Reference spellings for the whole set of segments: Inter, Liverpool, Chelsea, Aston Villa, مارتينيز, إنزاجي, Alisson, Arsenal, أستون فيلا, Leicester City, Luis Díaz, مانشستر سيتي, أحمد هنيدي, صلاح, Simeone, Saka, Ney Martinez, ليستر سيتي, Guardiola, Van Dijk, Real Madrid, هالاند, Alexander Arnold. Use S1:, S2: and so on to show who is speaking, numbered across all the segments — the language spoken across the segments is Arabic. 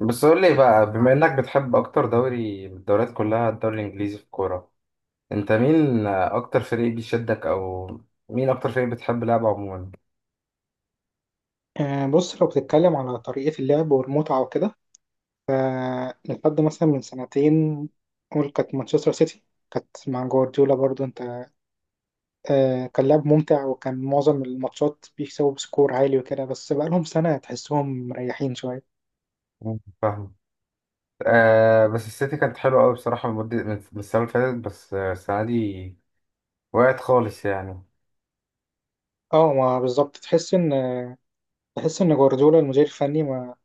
S1: بس قول لي بقى، بما انك بتحب اكتر دوري من الدوريات كلها الدوري الانجليزي في الكوره، انت مين اكتر فريق بيشدك؟ او مين اكتر فريق بتحب لعبه عموما؟
S2: بص، لو بتتكلم على طريقة اللعب والمتعة وكده، فلحد مثلا من سنتين قول كانت مانشستر سيتي. كانت مع جوارديولا برضو انت. كان لعب ممتع، وكان معظم الماتشات بيكسبوا بسكور عالي وكده، بس بقالهم سنة تحسهم مريحين شوية.
S1: مم. فاهم. آه، بس السيتي كانت حلوه قوي بصراحه المده من السنه اللي فاتت، بس السنه دي وقعت خالص يعني.
S2: اه، ما بالظبط، تحس ان جوارديولا المدير الفني ما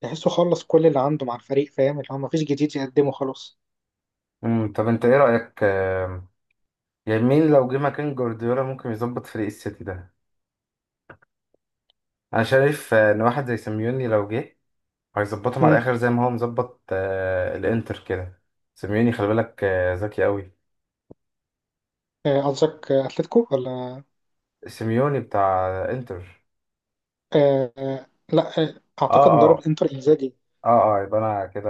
S2: تحسه خلص كل اللي عنده مع الفريق، فاهم؟ اللي هو مفيش جديد يقدمه خلاص.
S1: طب انت ايه رايك؟ يعني مين لو جه مكان جوارديولا ممكن يظبط فريق السيتي ده؟ انا شايف ان واحد زي سيميوني لو جه هيظبطهم على
S2: مم.
S1: الاخر، زي ما هو مظبط الانتر كده. سيميوني خلي بالك ذكي قوي.
S2: قصدك اتلتيكو ولا؟
S1: سيميوني بتاع انتر.
S2: آه، آه، لا، اعتقد
S1: اه،
S2: مدرب
S1: اه،
S2: انتر انزاجي.
S1: اه، اه، يبقى انا كده.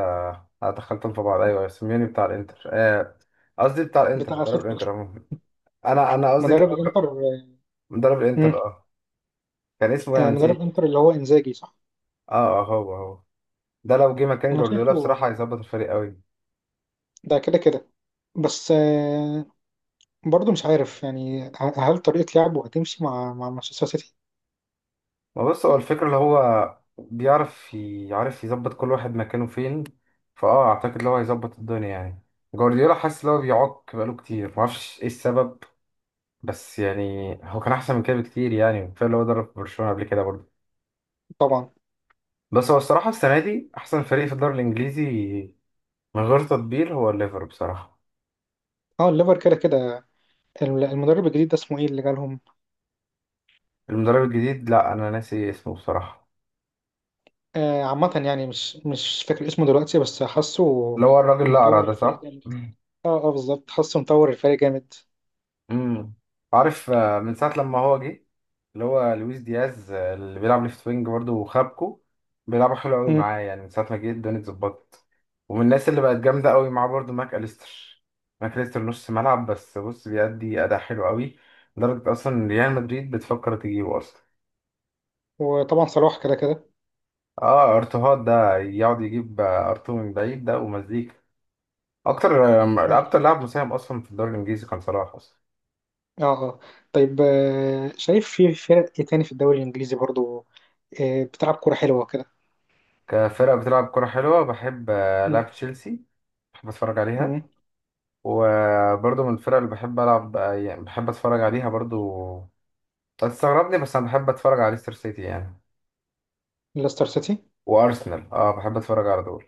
S1: أنا دخلتهم في بعض، ايوه سيميوني بتاع الانتر قصدي بتاع الانتر،
S2: بتاع
S1: مدرب
S2: اتلتيكو؟
S1: الانتر عموما. انا قصدي اللي
S2: مدرب
S1: هو
S2: الانتر.
S1: مدرب
S2: مم.
S1: الانتر. اه. كان اسمه إيه؟ انا
S2: مدرب
S1: نسيت.
S2: الانتر اللي هو انزاجي، صح.
S1: اه، اه، هو هو ده لو جه مكان
S2: انا
S1: جوارديولا
S2: شايفه
S1: بصراحة هيظبط الفريق قوي.
S2: ده كده كده. بس برضه مش عارف يعني هل طريقة لعبه هتمشي مع مانشستر سيتي.
S1: ما بص، هو الفكرة اللي هو يعرف يظبط كل واحد مكانه فين. اعتقد اللي هو هيظبط الدنيا يعني. جوارديولا حاسس اللي هو بيعك بقاله كتير، معرفش ايه السبب. بس يعني هو كان احسن من كده بكتير يعني، كفايه اللي هو درب برشلونة قبل كده برضه.
S2: طبعا.
S1: بس هو الصراحة السنة دي احسن فريق في الدوري الانجليزي من غير تطبيل هو الليفر بصراحة.
S2: اه، الليفر كده كده. المدرب الجديد ده اسمه ايه اللي جالهم؟
S1: المدرب الجديد، لا انا ناسي اسمه بصراحة.
S2: عامة يعني مش فاكر اسمه دلوقتي، بس حاسه
S1: اللي هو الراجل الاقرع
S2: مطور
S1: ده،
S2: الفريق
S1: صح؟
S2: جامد. اه، اه، بالظبط، حاسه مطور الفريق جامد.
S1: امم عارف من ساعة لما هو جه، اللي هو لويس دياز اللي بيلعب ليفت وينج برضه، وخابكو بيلعبوا حلو قوي
S2: مم.
S1: معاه يعني، من ساعة ما جه الدنيا اتظبطت. ومن الناس اللي بقت جامدة قوي معاه برضه ماك أليستر. ماك أليستر نص ملعب، بس بص بيأدي أداء حلو قوي، لدرجة أصلا ريال مدريد بتفكر تجيبه أصلا.
S2: وطبعا صلاح كده كده
S1: اه، ارتوهات ده يقعد يجيب ارتو من بعيد ده، ومزيكا. اكتر
S2: يعني.
S1: لاعب مساهم اصلا في الدوري الانجليزي كان صلاح اصلا.
S2: اه. اه. طيب، شايف في فرق ايه تاني في الدوري الانجليزي برضه بتلعب كرة حلوة كده؟
S1: كفرق بتلعب كرة حلوة بحب
S2: م-
S1: ألعب تشيلسي. بحب أتفرج عليها.
S2: م.
S1: وبرضه من الفرق اللي بحب ألعب يعني بحب أتفرج عليها برضه، هتستغربني، بس أنا بحب أتفرج على ليستر سيتي يعني.
S2: ليستر سيتي.
S1: وأرسنال، بحب أتفرج على دول.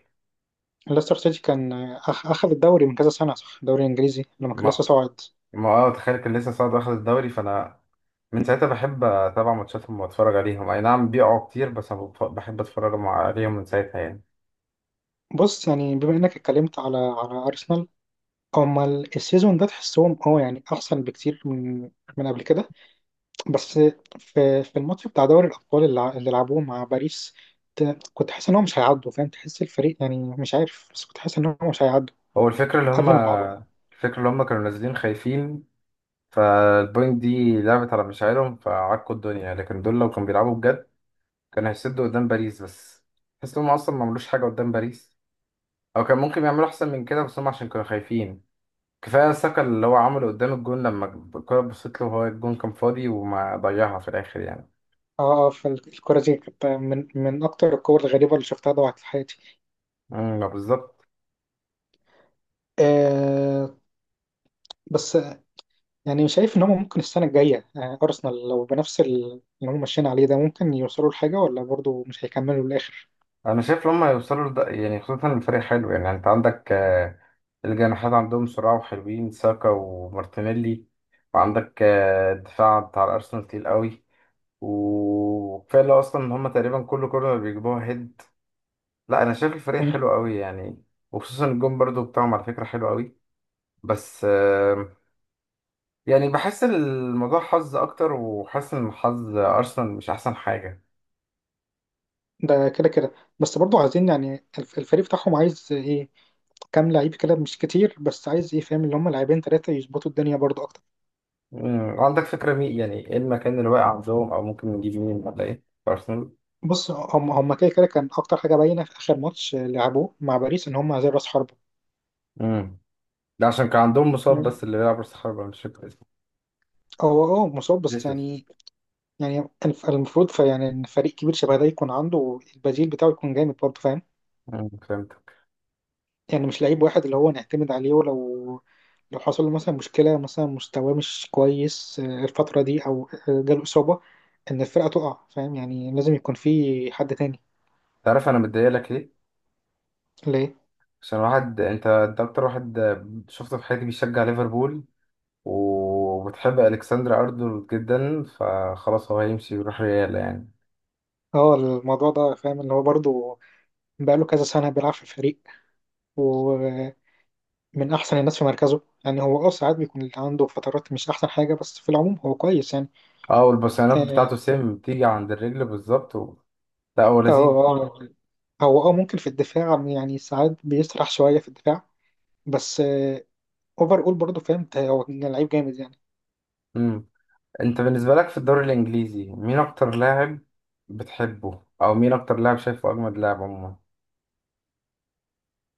S2: ليستر سيتي كان أخذ الدوري من كذا سنة، صح؟ الدوري الإنجليزي لما كان لسه
S1: ما
S2: صاعد.
S1: ما تخيل كان لسه صاعد واخد الدوري، فأنا من ساعتها بحب أتابع ماتشاتهم وأتفرج عليهم، أي نعم بيقعوا كتير، بس أنا بحب أتفرج عليهم من ساعتها يعني.
S2: بص، يعني بما إنك اتكلمت على أرسنال، هما السيزون ده تحسهم، اه، يعني أحسن بكتير من قبل كده. بس في الماتش بتاع دوري الأبطال اللي اللي لعبوه مع باريس، كنت حاسس إن هو مش هيعدوا، فاهم؟ تحس الفريق يعني مش عارف، بس كنت حاسس إن هو مش هيعدوا
S1: هو الفكرة اللي
S2: قبل
S1: هما
S2: ما يلعبوا. اه.
S1: الفكرة اللي هما كانوا نازلين خايفين. فالبوينت دي لعبت على مشاعرهم، فعكوا الدنيا، لكن دول لو كانوا بيلعبوا بجد كانوا هيسدوا قدام باريس، بس تحس إن هم أصلا ما عملوش حاجة قدام باريس، أو كان ممكن يعملوا أحسن من كده، بس هم عشان كانوا خايفين. كفاية ساكا اللي هو عمله قدام الجون لما الكرة بصيت له وهو الجون كان فاضي، وما ضيعها في الآخر يعني.
S2: اه، فالكرة دي كانت من أكتر الكور الغريبة اللي شفتها ضاعت في حياتي.
S1: ما بالظبط.
S2: آه بس يعني شايف ان هم ممكن السنه الجايه ارسنال لو بنفس اللي هم ماشيين عليه ده، ممكن يوصلوا لحاجه ولا برضو مش هيكملوا للاخر؟
S1: أنا شايف لما يوصلوا لده يعني، خصوصا الفريق حلو يعني، أنت عندك الجناحات عندهم سرعة وحلوين، ساكا ومارتينيلي. وعندك الدفاع بتاع الأرسنال تقيل قوي، وكفايه اللي هو اصلا ان هم تقريبا كل كورنر بيجيبوها هيد. لا انا شايف الفريق
S2: مم.
S1: حلو قوي يعني. وخصوصا الجون برضو بتاعهم على فكره حلو قوي. بس يعني بحس الموضوع حظ اكتر، وحاسس ان حظ ارسنال مش احسن حاجه.
S2: ده كده كده. بس برضو عايزين يعني الفريق بتاعهم عايز ايه؟ كام لعيب كده، مش كتير، بس عايز ايه؟ فاهم؟ اللي هم لاعبين ثلاثه يظبطوا الدنيا برضو اكتر.
S1: عندك فكره مين يعني ايه المكان اللي واقع عندهم، او ممكن نجيب مين ولا ايه؟ في ارسنال.
S2: بص، هم هم كده كده كان اكتر حاجه باينه في اخر ماتش لعبوه مع باريس، ان هم عايزين راس حربه.
S1: امم ده عشان كان عندهم مصاب،
S2: مم.
S1: بس اللي بيلعب راس حربة مش فاكر اسمه.
S2: هو، اه، مصاب بس
S1: جيسوس.
S2: يعني. يعني المفروض فيعني ان فريق كبير شبه ده يكون عنده البديل بتاعه يكون جامد برضه، فاهم؟
S1: مم، فهمت.
S2: يعني مش لعيب واحد اللي هو نعتمد عليه، ولو حصل له مثلا مشكلة، مثلا مستواه مش كويس الفترة دي او جاله إصابة، ان الفرقة تقع، فاهم؟ يعني لازم يكون في حد تاني.
S1: تعرف انا متضايق لك ليه؟
S2: ليه؟
S1: عشان واحد، انت اكتر واحد شفته في حياتي بيشجع ليفربول، وبتحب الكسندر ارنولد جدا، فخلاص هو هيمشي ويروح ريال يعني.
S2: اه، الموضوع ده فاهم اللي هو برضه بقاله كذا سنة بيلعب في الفريق، ومن أحسن الناس في مركزه. يعني هو، اه، ساعات بيكون عنده فترات مش أحسن حاجة، بس في العموم هو كويس يعني.
S1: اه، والبصيانات
S2: آه.
S1: بتاعته سيم بتيجي عند الرجل بالظبط، و. لا، هو لذيذ.
S2: اه، هو اه ممكن في الدفاع يعني ساعات بيسرح شوية في الدفاع. بس اوفر اول برضه، فاهم؟ هو لعيب جامد يعني.
S1: مم. انت بالنسبه لك في الدوري الانجليزي، مين اكتر لاعب بتحبه، او مين اكتر لاعب شايفه اجمد لاعب عموما؟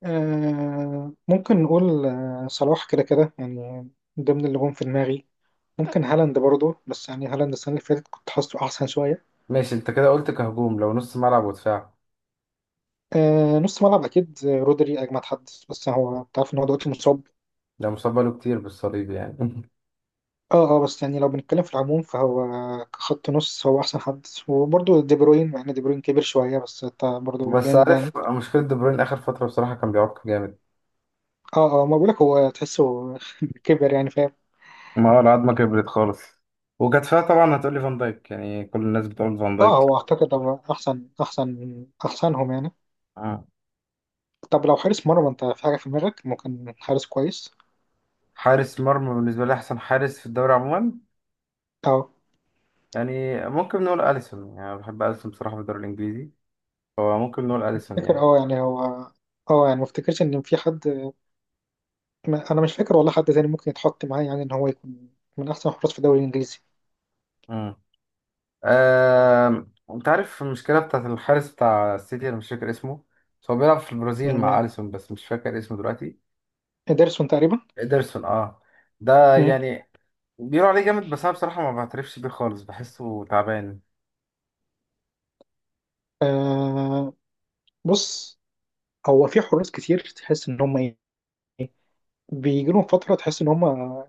S2: ممكن نقول صلاح كده كده يعني، ضمن اللي جم في دماغي. ممكن هالاند برضه، بس يعني هالاند السنة اللي فاتت كنت حاسه أحسن شوية.
S1: ماشي، انت كده قلت كهجوم، لو نص ملعب ودفاع؟
S2: نص ملعب أكيد رودري أجمد حد، بس هو تعرف إن هو دلوقتي مصاب.
S1: ده مصاب بقاله كتير بالصليب يعني.
S2: اه، اه، بس يعني لو بنتكلم في العموم فهو كخط نص هو أحسن حد، وبرضه دي بروين مع إن دي بروين كبر شوية، بس برضه
S1: بس
S2: جامد يعني.
S1: عارف مشكله دي بروين اخر فتره بصراحه كان بيعك جامد.
S2: اه، اه، ما بقولك هو تحسه كبر يعني، فاهم؟
S1: ما هو العظمه كبرت خالص. وكانت فيها طبعا، هتقولي فان دايك يعني، كل الناس بتقول فان
S2: اه،
S1: دايك.
S2: هو اعتقد هو احسن احسنهم يعني.
S1: آه.
S2: طب لو حارس مرمى، انت في حاجه في دماغك ممكن حارس كويس؟
S1: حارس مرمى بالنسبة لي أحسن حارس في الدوري عموما،
S2: اه،
S1: يعني ممكن نقول أليسون، يعني أنا بحب أليسون بصراحة في الدوري الإنجليزي، فممكن نقول أليسون
S2: فاكر.
S1: يعني.
S2: اه، يعني هو، اه، يعني ما افتكرش ان في حد. ما انا مش فاكر والله حد تاني ممكن يتحط معاه، يعني ان هو يكون من احسن الحراس في الدوري الانجليزي.
S1: مم. أنت عارف المشكلة بتاعت الحارس بتاع السيتي، أنا مش فاكر اسمه. بس هو بيلعب في البرازيل مع
S2: يعني
S1: أليسون، بس مش فاكر اسمه دلوقتي.
S2: ادرسون تقريبا.
S1: إيدرسون، أه. ده
S2: مم.
S1: يعني بيقولوا عليه جامد، بس أنا بصراحة ما بعترفش بيه خالص، بحسه تعبان.
S2: آه بص، هو في حراس كتير تحس ان هم بيجي لهم فتره تحس ان هم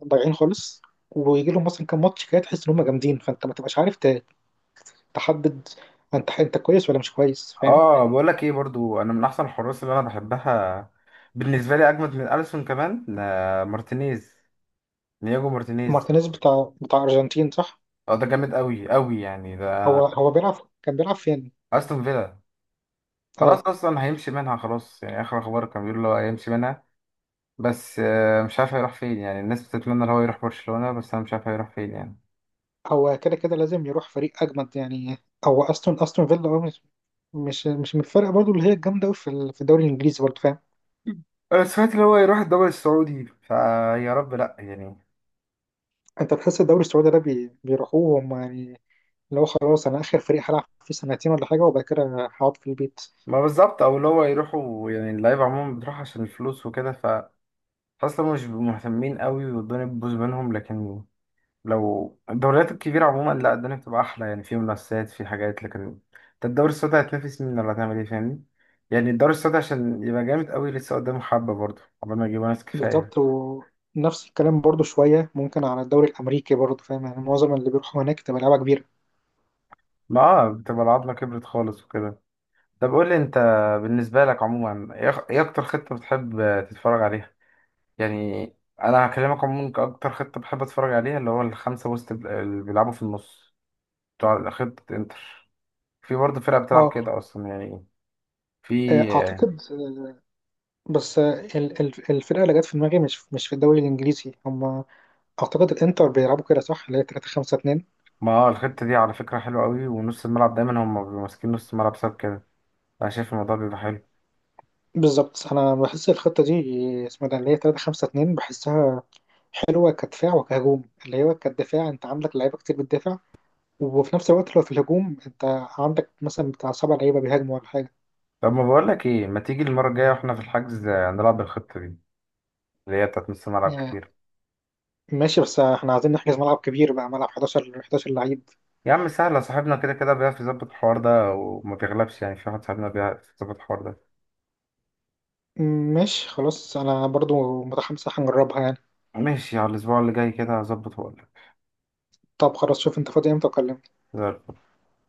S2: ضايعين خالص، ويجي لهم مثلا كام ماتش كده تحس ان هم جامدين، فانت ما تبقاش عارف تحدد انت كويس ولا مش كويس، فاهم؟
S1: اه، بقول لك ايه برضو، انا من احسن الحراس اللي انا بحبها بالنسبه لي اجمد من اليسون كمان، لا، مارتينيز. نياجو مارتينيز.
S2: مارتينيز بتاع ارجنتين، صح؟
S1: اه، ده جامد قوي قوي يعني، ده
S2: هو هو كان بيلعب فين؟
S1: استون فيلا. خلاص
S2: اه،
S1: اصلا هيمشي منها خلاص يعني، اخر اخبار كان بيقول له هيمشي منها. بس مش عارف هيروح فين يعني، الناس بتتمنى ان هو يروح برشلونه، بس انا مش عارف هيروح فين يعني.
S2: هو كده كده لازم يروح فريق اجمد يعني. هو استون فيلا، اه، مش من الفرق برضو اللي هي الجامده قوي في في الدوري الانجليزي برضو، فاهم؟
S1: انا سمعت ان هو يروح الدوري السعودي، فيا رب لا يعني.
S2: انت تحس الدوري السعودي ده بيروحوه هم يعني؟ اللي هو خلاص انا اخر فريق هلعب فيه سنتين ولا حاجه، وبعد كده هقعد في البيت.
S1: ما بالظبط، او اللي هو يروحوا يعني، اللعيبه عموما بتروح عشان الفلوس وكده، اصلا مش بيبقوا مهتمين قوي والدنيا بتبوظ منهم، لكن لو الدوريات الكبيره عموما لا الدنيا بتبقى احلى يعني، في منافسات، في حاجات، لكن انت الدوري السعودي هتنافس مين ولا هتعمل ايه، فاهمني؟ يعني الدوري السعودي عشان يبقى جامد قوي لسه قدامه حبه برضه، قبل ما يجيبوا ناس
S2: بالظبط.
S1: كفايه.
S2: ونفس الكلام برضو شوية ممكن على الدوري الأمريكي برضو، فاهم؟ يعني معظم اللي بيروحوا هناك تبقى لعبة كبيرة.
S1: ما بتبقى العظمه كبرت خالص وكده. طب قول لي انت، بالنسبه لك عموما، ايه اكتر خطه بتحب تتفرج عليها؟ يعني انا هكلمك عموما، كاكتر خطه بحب اتفرج عليها، اللي هو الخمسه وسط اللي بيلعبوا في النص، بتوع خطه انتر. في برضه فرقة بتلعب
S2: اه.
S1: كده أصلا يعني. في.
S2: أعتقد بس الفرقة اللي جت في دماغي، مش في الدوري الإنجليزي هم. أعتقد الإنتر بيلعبوا كده، صح؟ اللي هي 3-5-2.
S1: ما الخطة دي على فكرة حلوة قوي، ونص الملعب دايما هم بيبقوا ماسكين نص الملعب بسبب كده. أنا شايف الموضوع بيبقى حلو.
S2: بالظبط. أنا بحس الخطة دي، اسمها ده اللي هي 3 5 2، بحسها حلوة كدفاع وكهجوم. اللي هو كدفاع أنت عندك لعيبة كتير بتدافع، وفي نفس الوقت لو في الهجوم أنت عندك مثلا بتاع سبع لعيبة بيهاجموا ولا حاجة.
S1: طب ما بقولك إيه، ما تيجي المرة الجاية وإحنا في الحجز، نلعب بالخطة دي، اللي هي بتاعت نص الملعب
S2: يعني
S1: كتير.
S2: ماشي، بس احنا عايزين نحجز ملعب كبير، بقى ملعب 11، 11 لعيب.
S1: يا عم سهلة، صاحبنا كده كده بيعرف يظبط الحوار ده وما بيغلبش يعني، في واحد صاحبنا بيعرف يظبط الحوار ده.
S2: ماشي، خلاص انا برضو متحمس، هنجربها يعني.
S1: ماشي، على الأسبوع اللي جاي كده هظبط وأقولك.
S2: طب خلاص، شوف انت فاضي امتى اكلمك.
S1: زي الفل.